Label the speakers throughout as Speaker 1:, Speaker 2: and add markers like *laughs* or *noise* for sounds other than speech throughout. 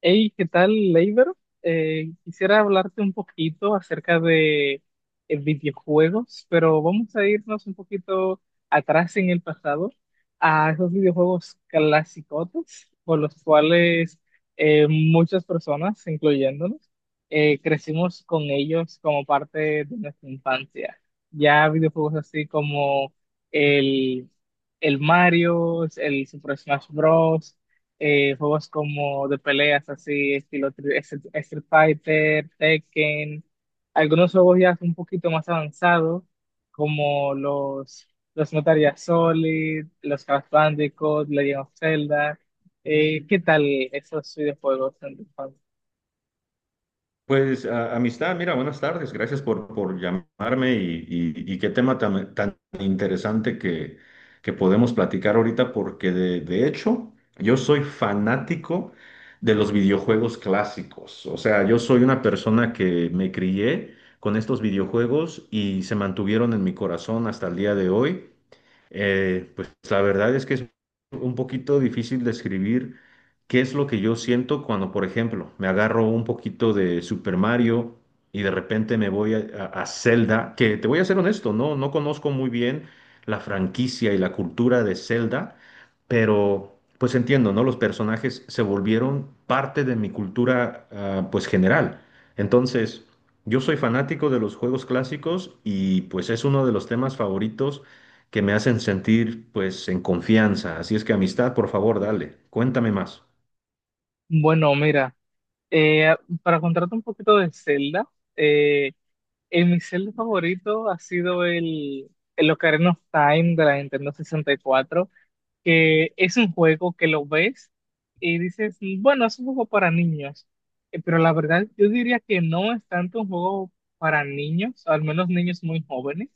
Speaker 1: Hey, ¿qué tal, Leiber? Quisiera hablarte un poquito acerca de videojuegos, pero vamos a irnos un poquito atrás en el pasado a esos videojuegos clasicotes con los cuales muchas personas, incluyéndonos, crecimos con ellos como parte de nuestra infancia. Ya videojuegos así como el, el Mario, el Super Smash Bros, juegos como de peleas así, estilo Street Fighter, Tekken, algunos juegos ya un poquito más avanzados, como los Metal Gear Solid, los Crash Bandicoot, Legend of Zelda. ¿Qué tal esos videojuegos en tu infancia?
Speaker 2: Pues amistad, mira, buenas tardes, gracias por llamarme y qué tema tan interesante que podemos platicar ahorita, porque de hecho yo soy fanático de los videojuegos clásicos, o sea, yo soy una persona que me crié con estos videojuegos y se mantuvieron en mi corazón hasta el día de hoy. Pues la verdad es que es un poquito difícil describir ¿qué es lo que yo siento cuando, por ejemplo, me agarro un poquito de Super Mario y de repente me voy a Zelda? Que te voy a ser honesto, no conozco muy bien la franquicia y la cultura de Zelda, pero pues entiendo, ¿no? Los personajes se volvieron parte de mi cultura, pues general. Entonces, yo soy fanático de los juegos clásicos y pues es uno de los temas favoritos que me hacen sentir pues en confianza. Así es que amistad, por favor, dale, cuéntame más.
Speaker 1: Bueno, mira, eh, para contarte un poquito de Zelda, eh, mi Zelda favorito ha sido el Ocarina of Time de la Nintendo 64. Que es un juego que lo ves y dices, bueno, es un juego para niños. Pero la verdad yo diría que no es tanto un juego para niños, al menos niños muy jóvenes,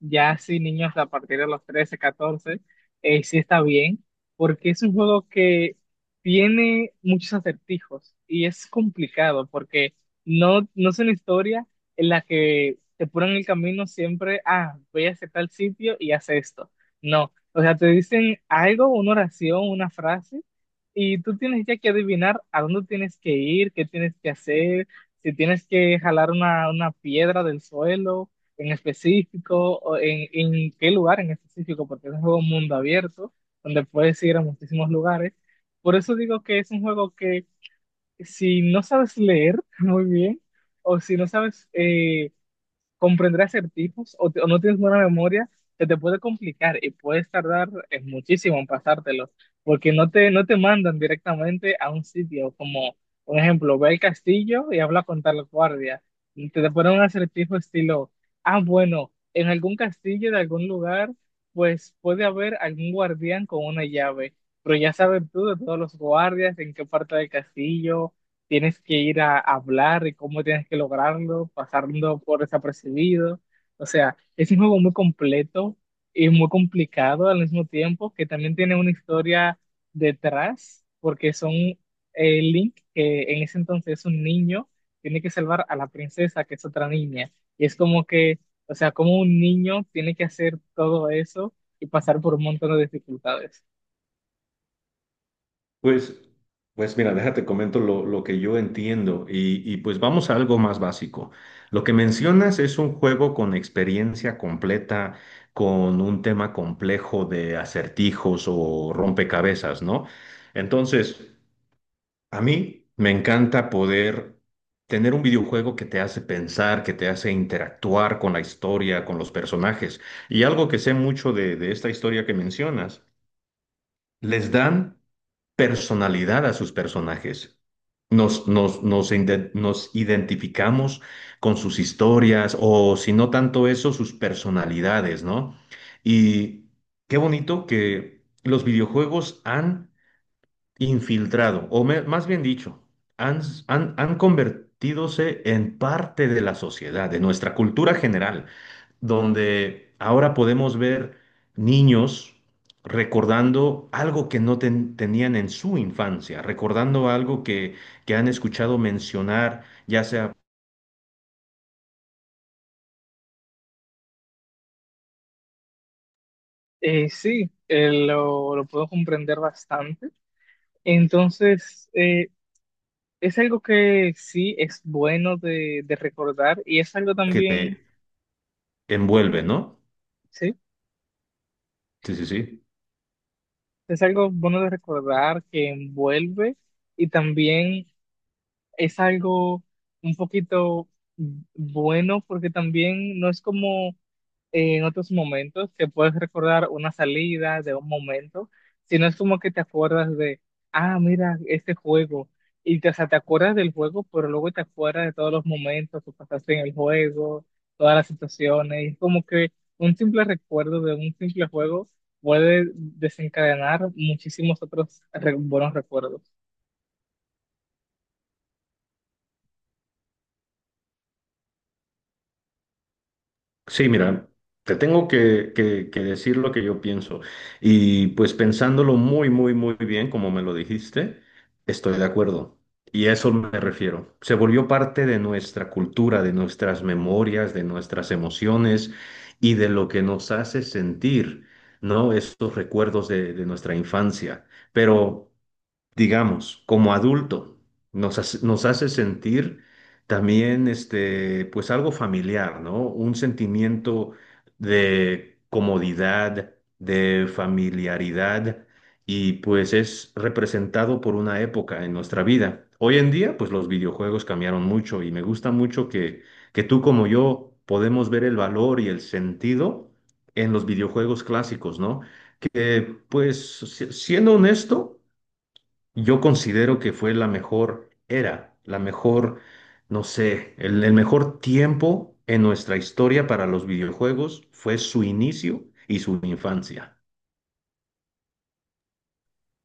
Speaker 1: ya sí niños a partir de los 13, 14 sí está bien, porque es un juego que tiene muchos acertijos y es complicado porque no es una historia en la que te ponen el camino siempre, ah, voy a hacer tal sitio y haz esto. No, o sea, te dicen algo, una oración, una frase, y tú tienes ya que adivinar a dónde tienes que ir, qué tienes que hacer, si tienes que jalar una piedra del suelo en específico, o en qué lugar en específico, porque es un juego mundo abierto, donde puedes ir a muchísimos lugares. Por eso digo que es un juego que si no sabes leer *laughs* muy bien, o si no sabes comprender acertijos o no tienes buena memoria, se te puede complicar y puedes tardar muchísimo en pasártelos, porque no te mandan directamente a un sitio como, por ejemplo, ve al castillo y habla con tal guardia. Y te ponen un acertijo estilo, ah, bueno, en algún castillo de algún lugar, pues puede haber algún guardián con una llave, pero ya sabes tú, de todos los guardias, en qué parte del castillo tienes que ir a hablar y cómo tienes que lograrlo, pasando por desapercibido. O sea, es un juego muy completo y muy complicado al mismo tiempo, que también tiene una historia detrás, porque son, Link, que en ese entonces es un niño, tiene que salvar a la princesa, que es otra niña. Y es como que, o sea, como un niño tiene que hacer todo eso y pasar por un montón de dificultades.
Speaker 2: Pues, pues mira, déjate comento lo que yo entiendo y pues vamos a algo más básico. Lo que mencionas es un juego con experiencia completa, con un tema complejo de acertijos o rompecabezas, ¿no? Entonces, a mí me encanta poder tener un videojuego que te hace pensar, que te hace interactuar con la historia, con los personajes. Y algo que sé mucho de esta historia que mencionas, les dan personalidad a sus personajes. Nos identificamos con sus historias o si no tanto eso, sus personalidades, ¿no? Y qué bonito que los videojuegos han infiltrado, o más bien dicho, han, han convertidose en parte de la sociedad, de nuestra cultura general donde ahora podemos ver niños recordando algo que no tenían en su infancia, recordando algo que han escuchado mencionar, ya sea
Speaker 1: Sí, lo puedo comprender bastante. Entonces, es algo que sí es bueno de recordar y es algo
Speaker 2: que
Speaker 1: también,
Speaker 2: te envuelve, ¿no?
Speaker 1: sí,
Speaker 2: Sí, sí, sí.
Speaker 1: es algo bueno de recordar que envuelve, y también es algo un poquito bueno porque también no es como en otros momentos que puedes recordar una salida de un momento, si no es como que te acuerdas de, ah, mira, este juego, y o sea, te acuerdas del juego, pero luego te acuerdas de todos los momentos que pasaste en el juego, todas las situaciones, y es como que un simple recuerdo de un simple juego puede desencadenar muchísimos otros buenos recuerdos.
Speaker 2: Sí, mira, te tengo que decir lo que yo pienso. Y pues pensándolo muy, muy, muy bien, como me lo dijiste, estoy de acuerdo. Y a eso me refiero. Se volvió parte de nuestra cultura, de nuestras memorias, de nuestras emociones y de lo que nos hace sentir, ¿no? Estos recuerdos de nuestra infancia. Pero digamos, como adulto, nos hace sentir también, este, pues algo familiar, ¿no? Un sentimiento de comodidad, de familiaridad, y pues es representado por una época en nuestra vida. Hoy en día, pues los videojuegos cambiaron mucho y me gusta mucho que tú como yo podemos ver el valor y el sentido en los videojuegos clásicos, ¿no? Que, pues, siendo honesto, yo considero que fue la mejor era, la mejor, no sé, el mejor tiempo en nuestra historia para los videojuegos fue su inicio y su infancia.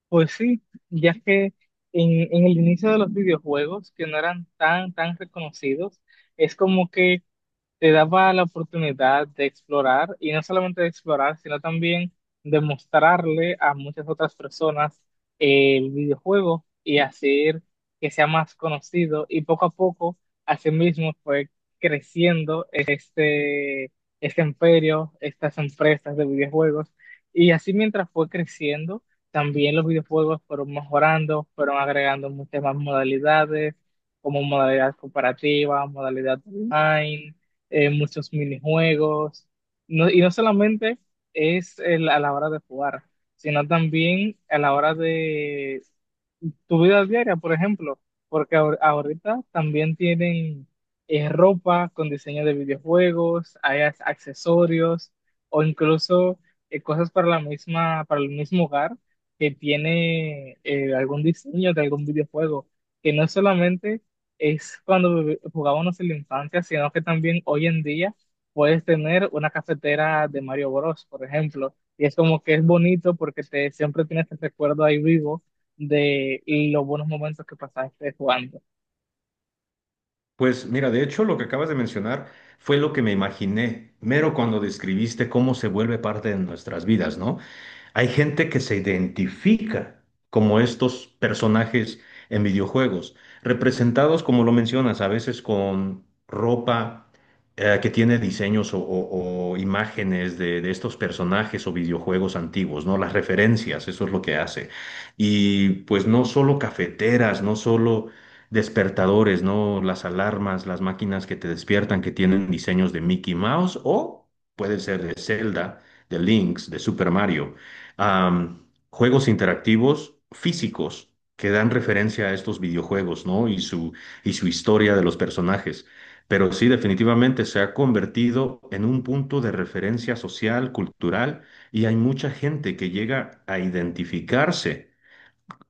Speaker 1: Pues sí, ya que en el inicio de los videojuegos, que no eran tan reconocidos, es como que te daba la oportunidad de explorar, y no solamente de explorar, sino también de mostrarle a muchas otras personas el videojuego y hacer que sea más conocido. Y poco a poco, así mismo fue creciendo este imperio, estas empresas de videojuegos. Y así mientras fue creciendo, también los videojuegos fueron mejorando, fueron agregando muchas más modalidades, como modalidad cooperativa, modalidad online, muchos minijuegos. Y no solamente es a la hora de jugar, sino también a la hora tu vida diaria, por ejemplo, porque ahorita también tienen ropa con diseño de videojuegos, hay accesorios o incluso cosas para la misma, para el mismo hogar que tiene, algún diseño de algún videojuego, que no solamente es cuando jugábamos en la infancia, sino que también hoy en día puedes tener una cafetera de Mario Bros, por ejemplo. Y es como que es bonito porque siempre tienes el recuerdo ahí vivo de los buenos momentos que pasaste jugando.
Speaker 2: Pues mira, de hecho lo que acabas de mencionar fue lo que me imaginé, mero cuando describiste cómo se vuelve parte de nuestras vidas, ¿no? Hay gente que se identifica como estos personajes en videojuegos, representados, como lo mencionas, a veces con ropa que tiene diseños o imágenes de estos personajes o videojuegos antiguos, ¿no? Las referencias, eso es lo que hace. Y pues no solo cafeteras, no solo despertadores, ¿no? Las alarmas, las máquinas que te despiertan que tienen diseños de Mickey Mouse o pueden ser de Zelda, de Lynx, de Super Mario. Juegos interactivos físicos que dan referencia a estos videojuegos, ¿no? Y su historia de los personajes. Pero sí, definitivamente se ha convertido en un punto de referencia social, cultural, y hay mucha gente que llega a identificarse.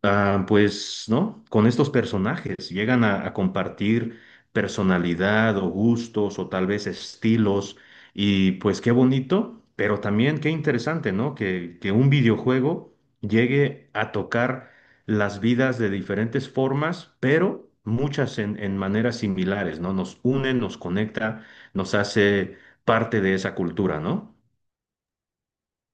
Speaker 2: Pues, ¿no? Con estos personajes llegan a compartir personalidad o gustos o tal vez estilos y pues qué bonito, pero también qué interesante, ¿no? Que un videojuego llegue a tocar las vidas de diferentes formas, pero muchas en maneras similares, ¿no? Nos une, nos conecta, nos hace parte de esa cultura, ¿no?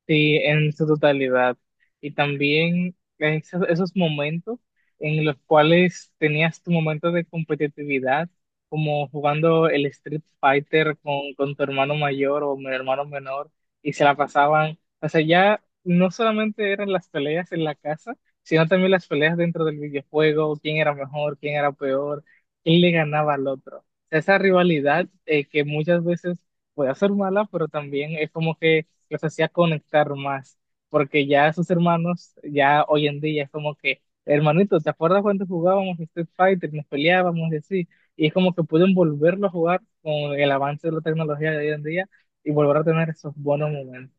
Speaker 1: Sí, en su totalidad. Y también esos momentos en los cuales tenías tu momento de competitividad, como jugando el Street Fighter con tu hermano mayor o mi hermano menor, y se la pasaban. O sea, ya no solamente eran las peleas en la casa, sino también las peleas dentro del videojuego, quién era mejor, quién era peor, quién le ganaba al otro. O sea, esa rivalidad, que muchas veces puede ser mala, pero también es como que los hacía conectar más, porque ya sus hermanos, ya hoy en día es como que, hermanito, ¿te acuerdas cuando jugábamos Street Fighter, nos peleábamos y así? Y es como que pueden volverlo a jugar con el avance de la tecnología de hoy en día y volver a tener esos buenos momentos.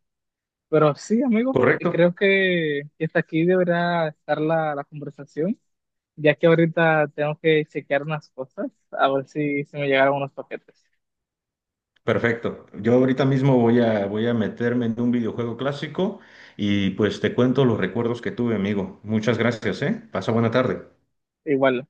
Speaker 1: Pero sí, amigos,
Speaker 2: Correcto.
Speaker 1: creo que hasta aquí deberá estar la conversación, ya que ahorita tengo que chequear unas cosas, a ver si se me llegaron unos paquetes.
Speaker 2: Perfecto. Yo ahorita mismo voy a meterme en un videojuego clásico y pues te cuento los recuerdos que tuve, amigo. Muchas gracias, ¿eh? Pasa buena tarde.
Speaker 1: Igual.